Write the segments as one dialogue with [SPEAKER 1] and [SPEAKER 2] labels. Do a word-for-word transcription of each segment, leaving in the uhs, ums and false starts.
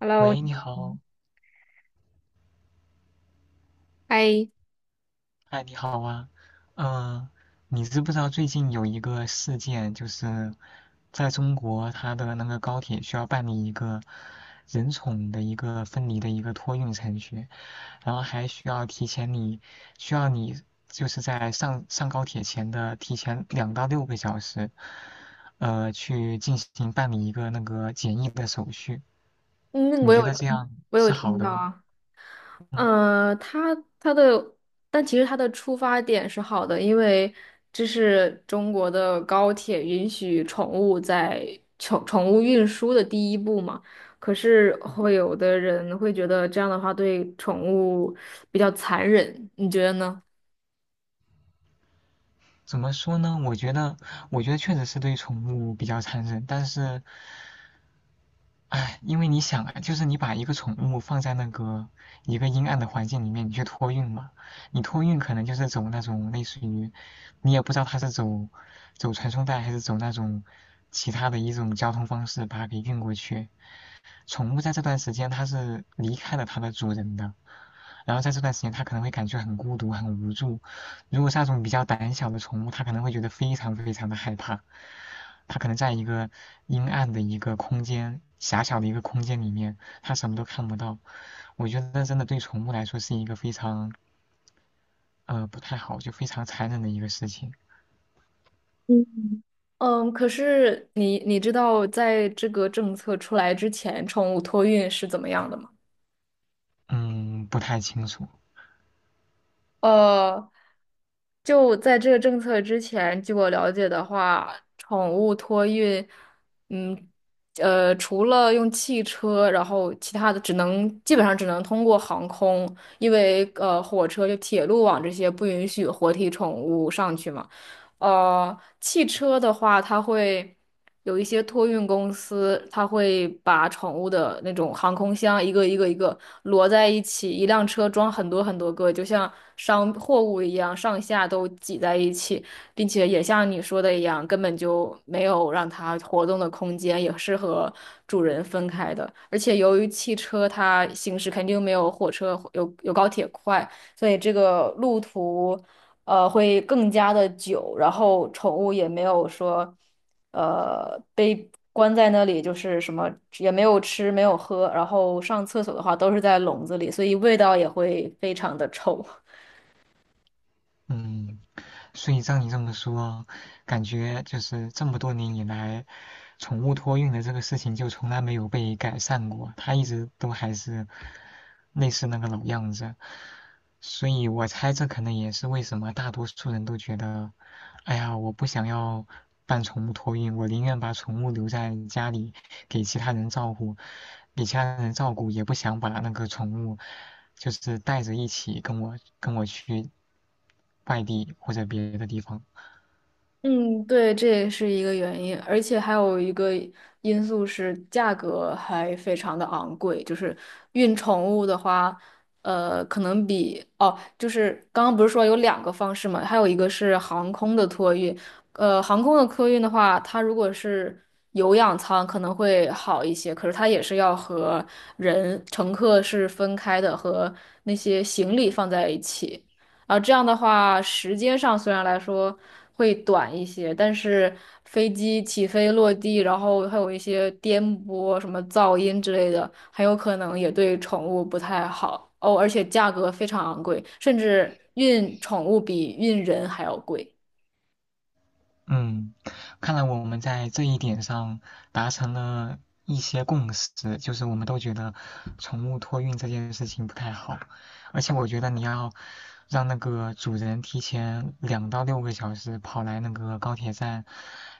[SPEAKER 1] Hello，
[SPEAKER 2] 喂，
[SPEAKER 1] 你
[SPEAKER 2] 你
[SPEAKER 1] 好
[SPEAKER 2] 好，
[SPEAKER 1] 嗨，
[SPEAKER 2] 哎，你好啊，嗯、你知不知道最近有一个事件，就是在中国，它的那个高铁需要办理一个人宠的一个分离的一个托运程序，然后还需要提前你需要你就是在上上高铁前的提前两到六个小时，呃，去进行办理一个那个检疫的手续，
[SPEAKER 1] 嗯，
[SPEAKER 2] 你
[SPEAKER 1] 我有
[SPEAKER 2] 觉得这样
[SPEAKER 1] 我有
[SPEAKER 2] 是好
[SPEAKER 1] 听
[SPEAKER 2] 的
[SPEAKER 1] 到
[SPEAKER 2] 吗？
[SPEAKER 1] 啊，
[SPEAKER 2] 嗯。
[SPEAKER 1] 呃，他他的，但其实他的出发点是好的，因为这是中国的高铁允许宠物在宠宠物运输的第一步嘛。可是会有的人会觉得这样的话对宠物比较残忍，你觉得呢？
[SPEAKER 2] 怎么说呢？我觉得，我觉得确实是对宠物比较残忍，但是，哎，因为你想啊，就是你把一个宠物放在那个一个阴暗的环境里面，你去托运嘛，你托运可能就是走那种类似于，你也不知道它是走走传送带还是走那种其他的一种交通方式把它给运过去。宠物在这段时间它是离开了它的主人的，然后在这段时间它可能会感觉很孤独、很无助。如果是那种比较胆小的宠物，它可能会觉得非常非常的害怕。它可能在一个阴暗的一个空间，狭小的一个空间里面，它什么都看不到。我觉得真的对宠物来说是一个非常呃不太好，就非常残忍的一个事情。
[SPEAKER 1] 嗯，嗯，可是你你知道在这个政策出来之前，宠物托运是怎么样的吗？
[SPEAKER 2] 嗯，不太清楚。
[SPEAKER 1] 呃，就在这个政策之前，据我了解的话，宠物托运，嗯，呃，除了用汽车，然后其他的只能基本上只能通过航空，因为呃，火车就铁路网这些不允许活体宠物上去嘛。呃，汽车的话，它会有一些托运公司，它会把宠物的那种航空箱一个一个一个摞在一起，一辆车装很多很多个，就像商货物一样，上下都挤在一起，并且也像你说的一样，根本就没有让它活动的空间，也是和主人分开的。而且由于汽车它行驶肯定没有火车有有高铁快，所以这个路途。呃，会更加的久，然后宠物也没有说，呃，被关在那里，就是什么也没有吃，没有喝，然后上厕所的话都是在笼子里，所以味道也会非常的臭。
[SPEAKER 2] 嗯，所以照你这么说，感觉就是这么多年以来，宠物托运的这个事情就从来没有被改善过，它一直都还是类似那个老样子。所以我猜这可能也是为什么大多数人都觉得，哎呀，我不想要办宠物托运，我宁愿把宠物留在家里给其他人照顾，给其他人照顾，也不想把那个宠物就是带着一起跟我跟我去外地或者别的地方。
[SPEAKER 1] 嗯，对，这也是一个原因，而且还有一个因素是价格还非常的昂贵，就是运宠物的话，呃，可能比哦，就是刚刚不是说有两个方式嘛，还有一个是航空的托运，呃，航空的托运的话，它如果是有氧舱可能会好一些，可是它也是要和人乘客是分开的，和那些行李放在一起。啊，这样的话，时间上虽然来说会短一些，但是飞机起飞落地，然后还有一些颠簸、什么噪音之类的，很有可能也对宠物不太好哦。而且价格非常昂贵，甚至运宠物比运人还要贵。
[SPEAKER 2] 嗯，看来我们在这一点上达成了一些共识，就是我们都觉得宠物托运这件事情不太好，而且我觉得你要让那个主人提前两到六个小时跑来那个高铁站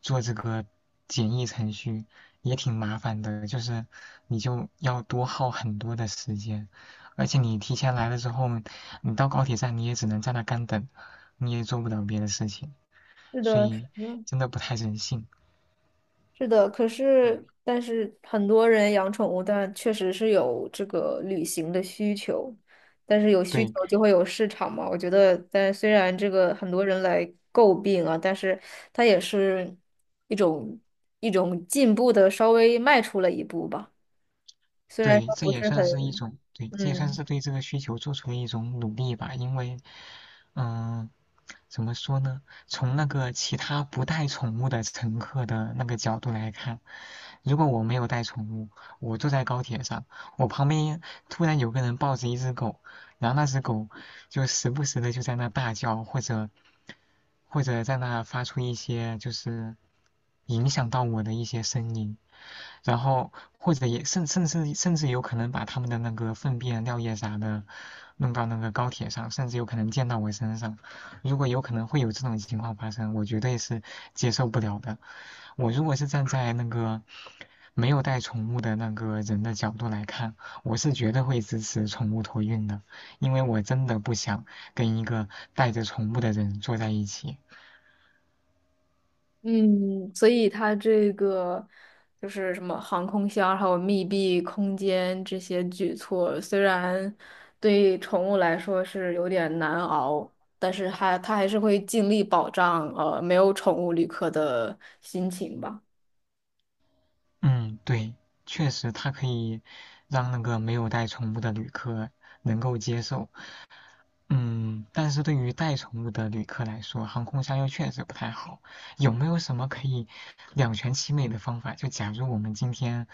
[SPEAKER 2] 做这个检疫程序，也挺麻烦的，就是你就要多耗很多的时间，而且你提前来了之后，你到高铁站你也只能在那干等，你也做不了别的事情。
[SPEAKER 1] 是
[SPEAKER 2] 所
[SPEAKER 1] 的，是
[SPEAKER 2] 以
[SPEAKER 1] 的。
[SPEAKER 2] 真的不太人性。
[SPEAKER 1] 是的，可
[SPEAKER 2] 嗯，
[SPEAKER 1] 是但是很多人养宠物，但确实是有这个旅行的需求，但是有需求
[SPEAKER 2] 对
[SPEAKER 1] 就会有市场嘛。我觉得，但虽然这个很多人来诟病啊，但是它也是一种一种进步的，稍微迈出了一步吧。虽然
[SPEAKER 2] 对，
[SPEAKER 1] 说
[SPEAKER 2] 这
[SPEAKER 1] 不
[SPEAKER 2] 也
[SPEAKER 1] 是
[SPEAKER 2] 算
[SPEAKER 1] 很，
[SPEAKER 2] 是一种，对，这也算是
[SPEAKER 1] 嗯。
[SPEAKER 2] 对这个需求做出了一种努力吧。因为，嗯、怎么说呢？从那个其他不带宠物的乘客的那个角度来看，如果我没有带宠物，我坐在高铁上，我旁边突然有个人抱着一只狗，然后那只狗就时不时的就在那大叫，或者或者在那发出一些就是影响到我的一些声音，然后或者也甚甚至甚至有可能把他们的那个粪便、尿液啥的弄到那个高铁上，甚至有可能溅到我身上。如果有可能会有这种情况发生，我绝对是接受不了的。我如果是站在那个没有带宠物的那个人的角度来看，我是绝对会支持宠物托运的，因为我真的不想跟一个带着宠物的人坐在一起。
[SPEAKER 1] 嗯，所以它这个就是什么航空箱，还有密闭空间这些举措，虽然对宠物来说是有点难熬，但是还它还是会尽力保障呃没有宠物旅客的心情吧。
[SPEAKER 2] 嗯，对，确实它可以让那个没有带宠物的旅客能够接受，嗯，但是对于带宠物的旅客来说，航空箱又确实不太好。有没有什么可以两全其美的方法？就假如我们今天，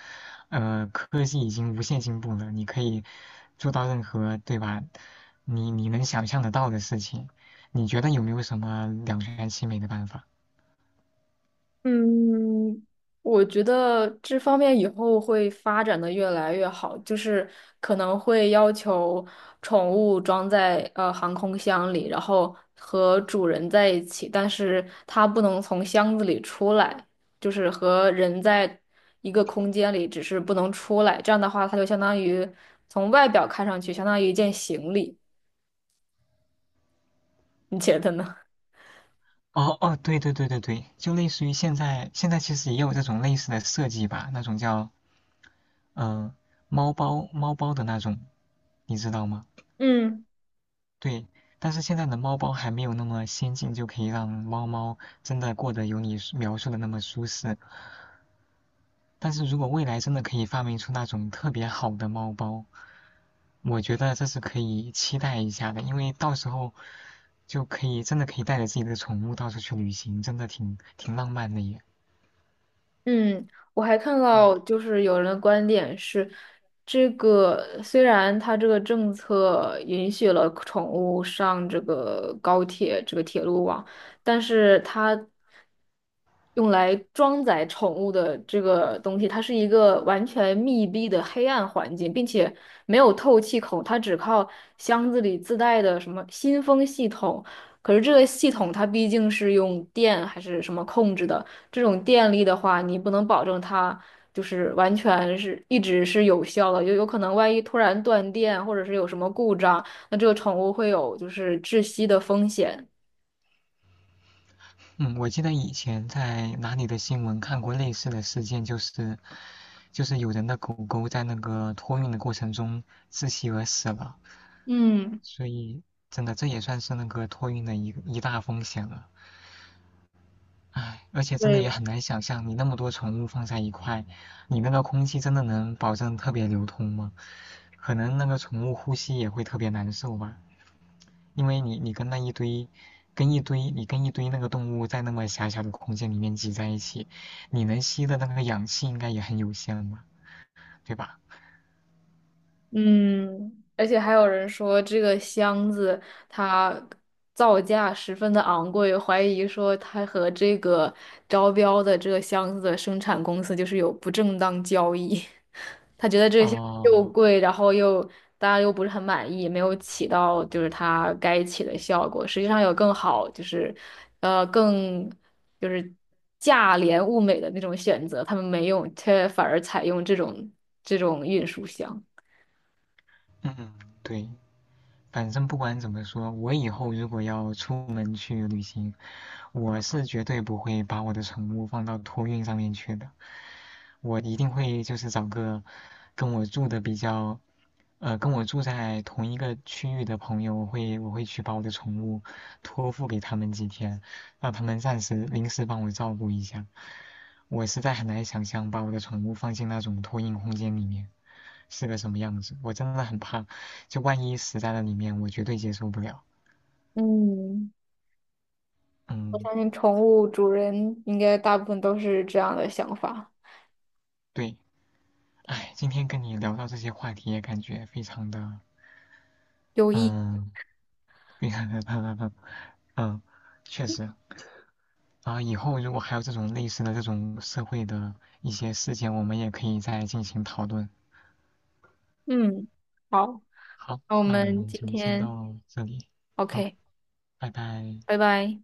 [SPEAKER 2] 呃，科技已经无限进步了，你可以做到任何，对吧？你你能想象得到的事情，你觉得有没有什么两全其美的办法？
[SPEAKER 1] 嗯，我觉得这方面以后会发展的越来越好，就是可能会要求宠物装在呃航空箱里，然后和主人在一起，但是它不能从箱子里出来，就是和人在一个空间里，只是不能出来。这样的话，它就相当于从外表看上去相当于一件行李，你觉得呢？
[SPEAKER 2] 哦哦，对对对对对，就类似于现在，现在其实也有这种类似的设计吧，那种叫嗯、呃猫包猫包的那种，你知道吗？
[SPEAKER 1] 嗯。
[SPEAKER 2] 对，但是现在的猫包还没有那么先进，就可以让猫猫真的过得有你说描述的那么舒适。但是如果未来真的可以发明出那种特别好的猫包，我觉得这是可以期待一下的，因为到时候就可以真的可以带着自己的宠物到处去旅行，真的挺挺浪漫的耶。
[SPEAKER 1] 嗯，我还看
[SPEAKER 2] 嗯
[SPEAKER 1] 到就是有人的观点是，这个虽然它这个政策允许了宠物上这个高铁这个铁路网，但是它用来装载宠物的这个东西，它是一个完全密闭的黑暗环境，并且没有透气孔，它只靠箱子里自带的什么新风系统。可是这个系统它毕竟是用电还是什么控制的，这种电力的话，你不能保证它就是完全是一直是有效的，就有可能万一突然断电或者是有什么故障，那这个宠物会有就是窒息的风险。
[SPEAKER 2] 嗯，我记得以前在哪里的新闻看过类似的事件，就是就是有人的狗狗在那个托运的过程中窒息而死了。
[SPEAKER 1] 嗯，
[SPEAKER 2] 所以真的这也算是那个托运的一一大风险了。唉，而且真的也
[SPEAKER 1] 对，
[SPEAKER 2] 很难想象，你那么多宠物放在一块，你那个空气真的能保证特别流通吗？可能那个宠物呼吸也会特别难受吧，因为你你跟那一堆，跟一堆你跟一堆那个动物在那么狭小的空间里面挤在一起，你能吸的那个氧气应该也很有限嘛，对吧？
[SPEAKER 1] 嗯，而且还有人说这个箱子它造价十分的昂贵，怀疑说它和这个招标的这个箱子的生产公司就是有不正当交易。他觉得这些又
[SPEAKER 2] 哦，
[SPEAKER 1] 贵，然后又大家又不是很满意，没有起到就是它该起的效果。实际上有更好，就是呃更就是价廉物美的那种选择，他们没用，却反而采用这种这种运输箱。
[SPEAKER 2] 嗯，对，反正不管怎么说，我以后如果要出门去旅行，我是绝对不会把我的宠物放到托运上面去的。我一定会就是找个跟我住的比较，呃，跟我住在同一个区域的朋友，我会我会去把我的宠物托付给他们几天，让他们暂时临时帮我照顾一下。我实在很难想象把我的宠物放进那种托运空间里面。是个什么样子，我真的很怕，就万一死在了里面，我绝对接受不了。
[SPEAKER 1] 嗯，我
[SPEAKER 2] 嗯，
[SPEAKER 1] 相信宠物主人应该大部分都是这样的想法，
[SPEAKER 2] 对，哎，今天跟你聊到这些话题，也感觉非常的，
[SPEAKER 1] 有益。
[SPEAKER 2] 嗯，非常的，嗯，确实。啊，以后如果还有这种类似的这种社会的一些事件，我们也可以再进行讨论。
[SPEAKER 1] 嗯，好，
[SPEAKER 2] 好，
[SPEAKER 1] 那我
[SPEAKER 2] 那我
[SPEAKER 1] 们
[SPEAKER 2] 们
[SPEAKER 1] 今
[SPEAKER 2] 就先
[SPEAKER 1] 天
[SPEAKER 2] 到这里，好，
[SPEAKER 1] OK，
[SPEAKER 2] 拜拜。
[SPEAKER 1] 拜拜。